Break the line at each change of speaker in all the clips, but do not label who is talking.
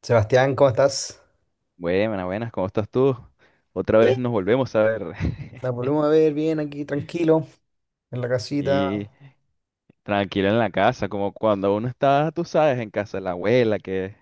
Sebastián, ¿cómo estás?
Buenas, buenas, ¿cómo estás tú? Otra
Eh,
vez nos volvemos a ver.
La volvemos a ver bien aquí, tranquilo, en la casita.
Y tranquilo en la casa, como cuando uno está, tú sabes, en casa de la abuela, que,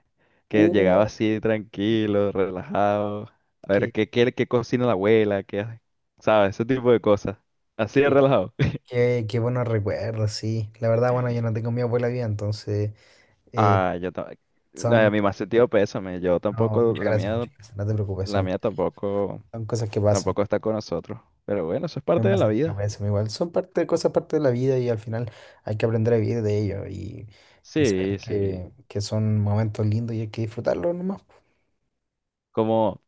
que llegaba
Uh,
así tranquilo, relajado. A ver,
qué,
¿qué cocina la abuela? ¿Qué hace? ¿Sabes? Ese tipo de cosas. Así de
qué,
relajado.
qué buenos recuerdos, sí. La verdad, bueno, yo no tengo mi abuela viva, entonces eh,
Ah, yo también. La de
son.
mi más sentido pésame. Yo
No,
tampoco,
muchas
la
gracias,
mía,
muchas gracias. No te preocupes,
la mía tampoco,
son cosas que pasan.
tampoco está con nosotros. Pero bueno, eso es
Es
parte de
más,
la
yo
vida.
pienso igual. Son parte, cosas parte de la vida y al final hay que aprender a vivir de ello y
Sí,
saber
sí.
que son momentos lindos y hay que disfrutarlos nomás, po.
como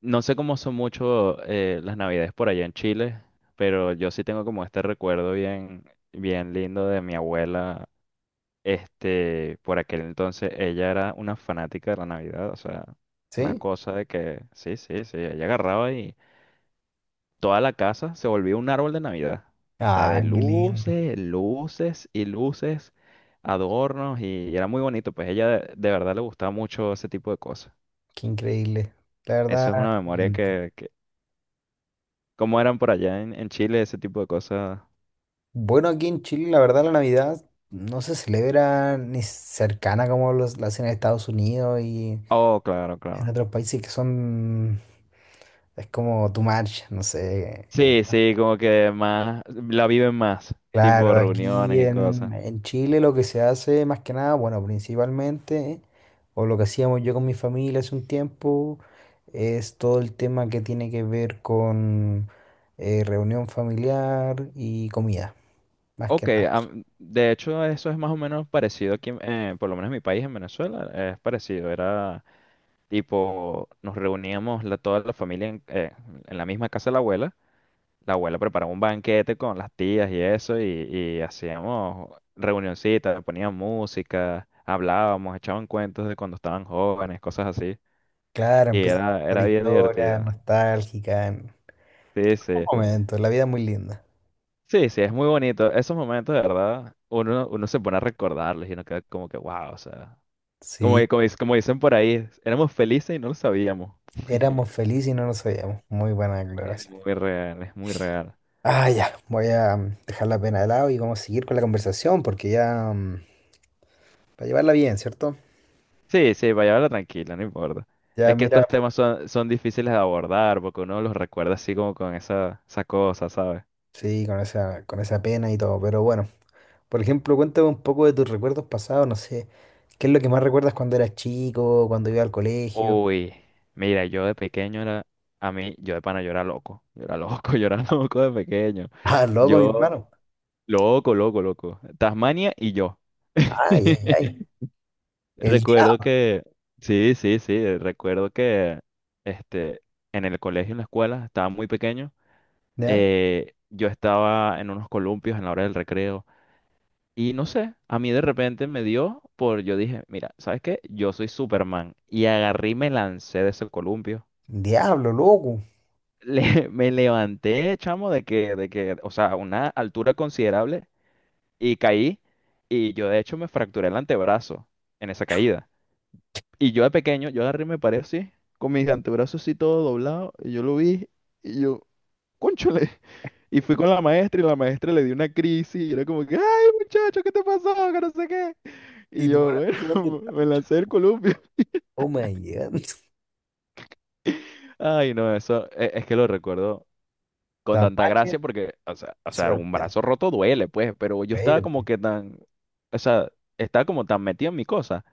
No sé cómo son mucho las navidades por allá en Chile, pero yo sí tengo como este recuerdo bien, bien lindo de mi abuela. Este, por aquel entonces ella era una fanática de la Navidad, o sea, una
¿Sí?
cosa de que sí, sí, sí, ella agarraba y toda la casa se volvía un árbol de Navidad. O sea,
Ah,
de
qué lindo,
luces, luces y luces, adornos, y era muy bonito, pues ella de verdad le gustaba mucho ese tipo de cosas.
qué increíble. La verdad,
Eso es una memoria. ¿Cómo eran por allá en Chile ese tipo de cosas?
bueno, aquí en Chile, la verdad, la Navidad no se celebra ni cercana como la hacen en Estados Unidos y
Oh, claro,
en
claro.
otros países que son, es como tu marcha, no sé.
Sí, sí, como que más, la viven más, tipo
Claro, aquí
reuniones y cosas.
en Chile lo que se hace más que nada, bueno, principalmente, o lo que hacíamos yo con mi familia hace un tiempo, es todo el tema que tiene que ver con reunión familiar y comida, más que
Ok,
nada.
de hecho eso es más o menos parecido aquí, por lo menos en mi país, en Venezuela, es parecido. Era tipo, toda la familia en la misma casa de la abuela. La abuela preparaba un banquete con las tías y eso, y hacíamos reunioncitas, ponían música, hablábamos, echaban cuentos de cuando estaban jóvenes, cosas así.
Claro,
Y
empieza a
era,
contar
era bien
historias
divertido.
nostálgicas. En
Sí, sí.
Un momento, la vida es muy linda.
Sí, sí, es muy bonito. Esos momentos, de verdad, uno, uno se pone a recordarlos y uno queda como que, wow, o sea, como,
Sí,
como, como dicen por ahí, éramos felices y no lo sabíamos.
éramos felices y no nos sabíamos. Muy buena
Es
declaración.
muy real, es muy real.
Ah, ya, voy a dejar la pena de lado y vamos a seguir con la conversación porque ya, para llevarla bien, ¿cierto?
Sí, sí, vaya, habla tranquila, no importa.
Ya,
Es que estos
mira,
temas son, son difíciles de abordar porque uno los recuerda así como con esa, esa cosa, ¿sabes?
sí, con esa pena y todo, pero bueno. Por ejemplo, cuéntame un poco de tus recuerdos pasados, no sé, ¿qué es lo que más recuerdas cuando eras chico, cuando ibas al colegio?
Uy, mira, yo de pequeño era, a mí, yo de pana, yo era loco. Yo era loco, yo era loco de pequeño.
Ah, loco, mi
Yo,
hermano.
loco, loco, loco. Tasmania y yo.
Ay, ay, ay. El
Recuerdo
diablo,
que, sí, sí, sí, recuerdo que este, en el colegio, en la escuela, estaba muy pequeño.
¿ya?
Yo estaba en unos columpios en la hora del recreo y no sé, a mí de repente me dio por, yo dije, mira, ¿sabes qué? Yo soy Superman, y agarré y me lancé de ese columpio.
Diablo, loco.
Me levanté, chamo, de que, o sea, a una altura considerable, y caí, y yo de hecho me fracturé el antebrazo en esa caída. Y yo de pequeño, yo agarré y me paré así, con mis antebrazos así todo doblado, y yo lo vi y yo, cónchale. Y fui con la maestra y la maestra le dio una crisis y era como que, ay muchacho, ¿qué te pasó? Que no sé qué.
Y
Y
tu
yo, bueno,
corazón de
me lancé el columpio.
Tacoma llegando.
Ay, no, eso es, que lo recuerdo con tanta
Tapachula
gracia porque, o sea,
y
o sea, un
Sebastián.
brazo roto duele, pues, pero yo estaba
Pero,
como que tan, o sea, estaba como tan metido en mi cosa,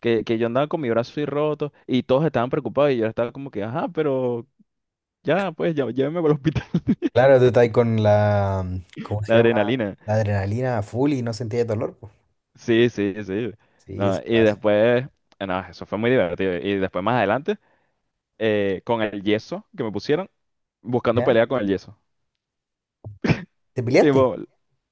que yo andaba con mi brazo así roto y todos estaban preocupados y yo estaba como que, ajá, pero ya, pues, ya, llévenme para el hospital.
claro, tú estás con la, ¿cómo se
La
llama?
adrenalina.
La adrenalina a full y no sentías dolor, pues.
Sí, sí, sí.
Sí, eso
No, y
pasa.
después, no, eso fue muy divertido. Y después más adelante, con el yeso que me pusieron, buscando
¿Ya?
pelea con el yeso.
¿Te peleaste?
Tipo,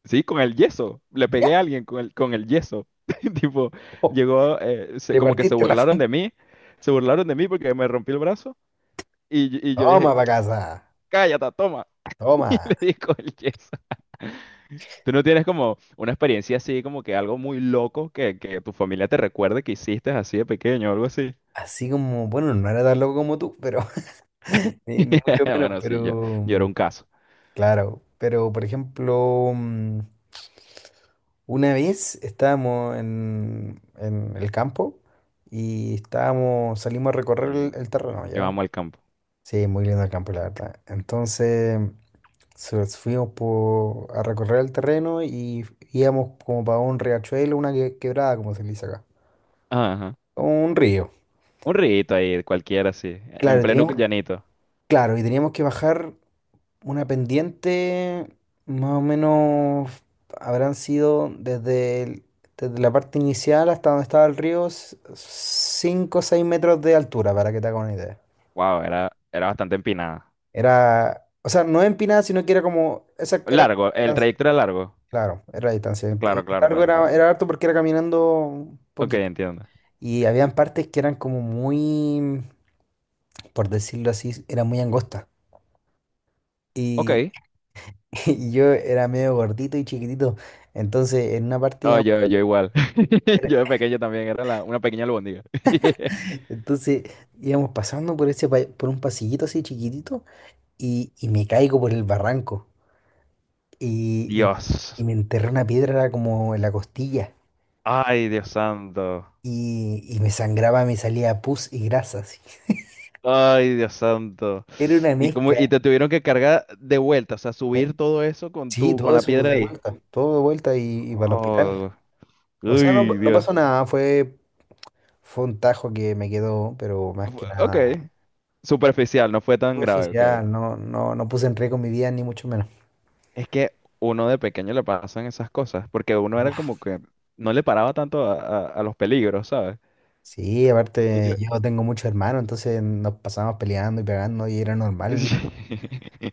sí, con el yeso. Le
¿Ya?
pegué a alguien con el yeso. Tipo,
Oh,
llegó,
le
como que se
partiste la
burlaron
frente.
de mí. Se burlaron de mí porque me rompí el brazo. Y yo
Toma
dije,
para casa.
cállate, toma. Y
Toma.
le di con el yeso. ¿Tú no tienes como una experiencia así, como que algo muy loco que tu familia te recuerde que hiciste así de pequeño o algo así?
Así como, bueno, no era tan loco como tú, pero ni, ni mucho menos,
Bueno, sí, yo,
pero
yo era un caso.
claro. Pero, por ejemplo, una vez estábamos en el campo y estábamos, salimos a
Y
recorrer
el-
el terreno,
Yo
¿ya?
amo el campo.
Sí, muy lindo el campo, la verdad. Entonces fuimos a recorrer el terreno y íbamos como para un riachuelo, una quebrada, como se le dice acá.
Ajá.
Como un río.
Un rito ahí, cualquiera así, en
Claro, y
pleno
teníamos,
llanito.
claro, y teníamos que bajar. Una pendiente, más o menos, habrán sido desde, desde la parte inicial hasta donde estaba el río, 5 o 6 metros de altura, para que te hagas una idea.
Wow, era, era bastante empinada.
Era, o sea, no empinada, sino que era como, esa era
Largo,
la
el
distancia,
trayecto era largo.
claro, era la distancia.
Claro,
Y
claro,
largo
claro,
era,
claro.
era harto porque era caminando un
Ok,
poquito.
entiendo.
Y habían partes que eran como muy, por decirlo así, era muy angosta. Y,
Ok.
y yo era medio gordito y chiquitito. Entonces, en una parte
No, yo igual. Yo de pequeño también era una pequeña albóndiga.
entonces íbamos pasando por ese por un pasillito así chiquitito y me caigo por el barranco y, y- y
Dios.
me enterré una piedra como en la costilla
Ay, Dios santo.
y me sangraba, me salía pus y grasa así.
Ay, Dios santo.
Era una
Y como, y
mezcla.
te tuvieron que cargar de vuelta, o sea,
eh,
subir todo eso con
Sí,
tu, con
todo
la
eso
piedra
de
ahí.
vuelta, todo de vuelta y para el hospital.
Oh,
O sea, no,
uy,
no
Dios.
pasó nada, fue, fue un tajo que me quedó, pero más que
Ok.
nada
Superficial, no fue tan grave, ok.
superficial, no, no, no puse en riesgo mi vida ni mucho menos.
Es que uno de pequeño le pasan esas cosas, porque uno era como que no le paraba tanto a, a los peligros, ¿sabes?
Sí,
Porque
aparte
yo...
yo tengo muchos hermanos, entonces nos pasábamos peleando y pegando y era normal.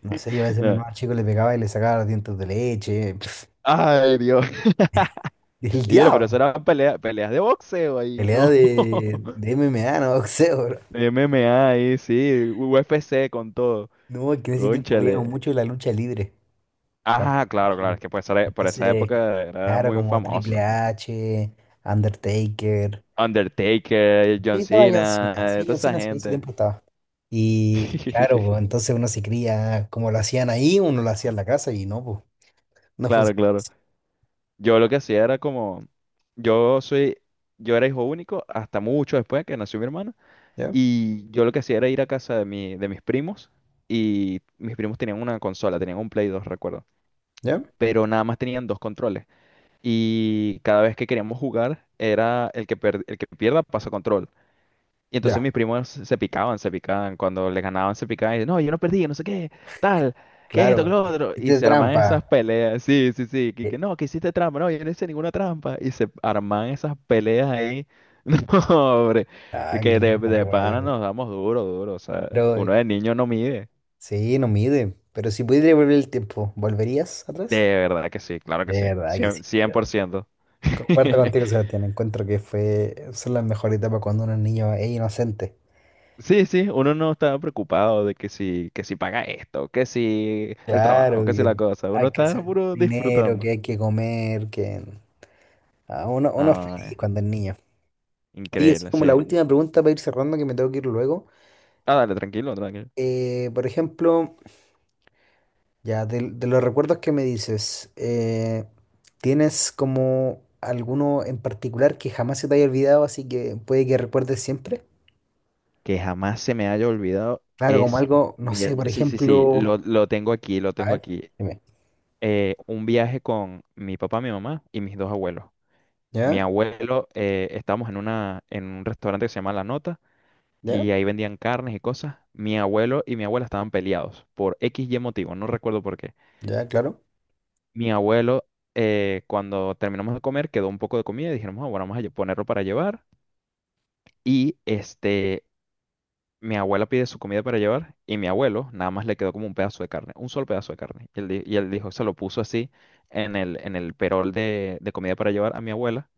No sé, yo a veces mi
No.
hermano chico le pegaba y le sacaba los dientes de leche.
Ay, Dios.
El
Y yo, pero eso
diablo.
eran peleas de boxeo ahí,
Pelea
no.
de MMA, no boxeo, bro.
MMA ahí, sí, UFC con todo.
No, es que en ese tiempo veíamos
Cónchale.
mucho la lucha libre cuando
Ah,
éramos
claro, claro,
chicos.
es que por esa
Entonces,
época era
claro,
muy
como Triple
famoso
H, Undertaker.
Undertaker,
Sí,
John
estaba John
Cena,
Cena. Sí,
toda
John
esa
Cena sí, en ese
gente.
tiempo estaba. Y claro, pues, entonces uno se cría como lo hacían ahí, uno lo hacía en la casa y no, pues. No
Claro,
funciona
claro.
así.
Yo lo que hacía era como, yo soy, yo era hijo único hasta mucho después que nació mi hermana,
¿Ya?
y yo lo que hacía era ir a casa de mi, de mis primos, y mis primos tenían una consola, tenían un Play 2 recuerdo,
¿Ya?
pero nada más tenían dos controles, y cada vez que queríamos jugar era el que, el que pierda pasa control, y entonces
Ya,
mis primos se picaban, se picaban. Cuando les ganaban, se picaban. Y dicen, no, yo no perdí, no sé qué, tal, que esto, que
claro.
lo otro. Y
Hice
se arman esas
trampa.
peleas. Sí, sí, sí.
Eh,
Que no, que hiciste trampa. No, yo no hice ninguna trampa. Y se arman esas peleas ahí. No, hombre.
Ah, qué
Que de,
lindo
de pana
recuerdo.
nos damos duro, duro. O sea,
Pero
uno de niño no mide.
sí, no mide. Pero si pudieras volver el tiempo, ¿volverías
De
atrás?
verdad que sí, claro que sí.
De verdad que sí. Yo
Por ciento.
comparto contigo, Sebastián. Encuentro que fue, son las mejores etapas cuando uno es niño es inocente.
Sí, sí, uno no estaba preocupado de que si paga esto, que si el trabajo,
Claro,
que si la
que
cosa. Uno
hay que
estaba
hacer
puro
dinero, que
disfrutando.
hay que comer, que ah, uno, uno es feliz
Ah,
cuando es niño. Oye, así
increíble,
como la
sí.
última pregunta para ir cerrando, que me tengo que ir luego.
Ah, dale, tranquilo, tranquilo.
Por ejemplo, ya, de los recuerdos que me dices, ¿tienes como alguno en particular que jamás se te haya olvidado, así que puede que recuerdes siempre?
Que jamás se me haya olvidado
Claro, como
es...
algo, no
mira,
sé, por
sí, sí, sí,
ejemplo,
lo tengo aquí, lo
a
tengo
ver,
aquí.
dime.
Un viaje con mi papá, mi mamá y mis dos abuelos. Mi
¿Ya?
abuelo, estábamos en una, en un restaurante que se llama La Nota,
¿Ya?
y ahí vendían carnes y cosas. Mi abuelo y mi abuela estaban peleados por X y motivo, no recuerdo por qué.
¿Ya? Claro.
Mi abuelo, cuando terminamos de comer, quedó un poco de comida y dijeron, "Ah, bueno, vamos a ponerlo para llevar." Y este, mi abuela pide su comida para llevar y mi abuelo nada más le quedó como un pedazo de carne, un solo pedazo de carne. Y él dijo, se lo puso así en el perol de comida para llevar a mi abuela.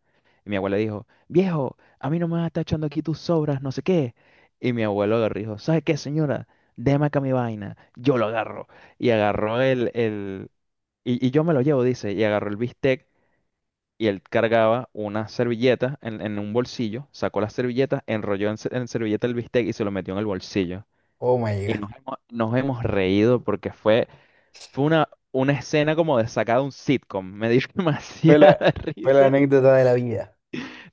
Y mi abuela dijo, viejo, a mí no me vas a estar echando aquí tus sobras, no sé qué. Y mi abuelo agarró y dijo, ¿sabe qué, señora? Deme acá mi vaina, yo lo agarro. Y agarró y yo me lo llevo, dice, y agarró el bistec, y él cargaba una servilleta en un bolsillo, sacó la servilleta, enrolló en servilleta el bistec y se lo metió en el bolsillo.
Oh my
Y
God.
nos hemos reído porque fue, fue una escena como de sacada de un sitcom. Me dio
Fue la,
demasiada
fue la
risa.
anécdota de la vida.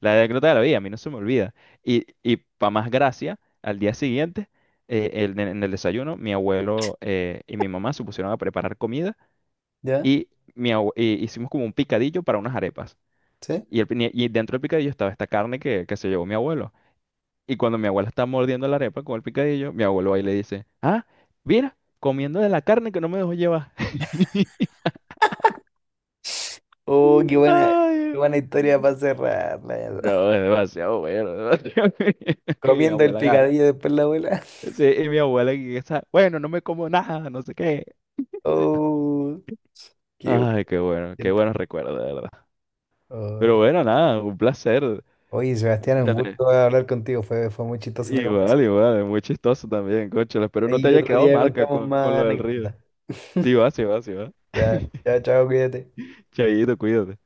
La anécdota de la vida, a mí no se me olvida. Y para más gracia, al día siguiente, en el desayuno, mi abuelo y mi mamá se pusieron a preparar comida,
¿Ya?
y y hicimos como un picadillo para unas arepas.
¿Sí?
Y y dentro del picadillo estaba esta carne que se llevó mi abuelo. Y cuando mi abuela está mordiendo la arepa con el picadillo, mi abuelo ahí le dice, ah, mira, comiendo de la carne que no me dejó llevar.
Oh,
Ay,
qué buena historia para cerrarla ya.
no, es demasiado bueno, demasiado bueno. Y mi
Comiendo el
abuela agarra.
picadillo después la abuela.
Sí, y mi abuela que está, bueno, no me como nada, no sé qué.
Oh, qué
Ay, qué bueno, qué
bueno.
buenos recuerdos, de verdad. Pero
Ay.
bueno, nada, un placer.
Oye, Sebastián, un
Cónchale,
gusto hablar contigo. Fue, fue muy chistosa la
igual,
conversación.
igual, es muy chistoso también, cónchale. Espero no te
Ahí
haya
otro
quedado
día
marca
contamos
con
más
lo del río.
anécdotas.
Sí va, sí va, sí va.
Ya, ya, chao, cuídate.
Chaito, cuídate.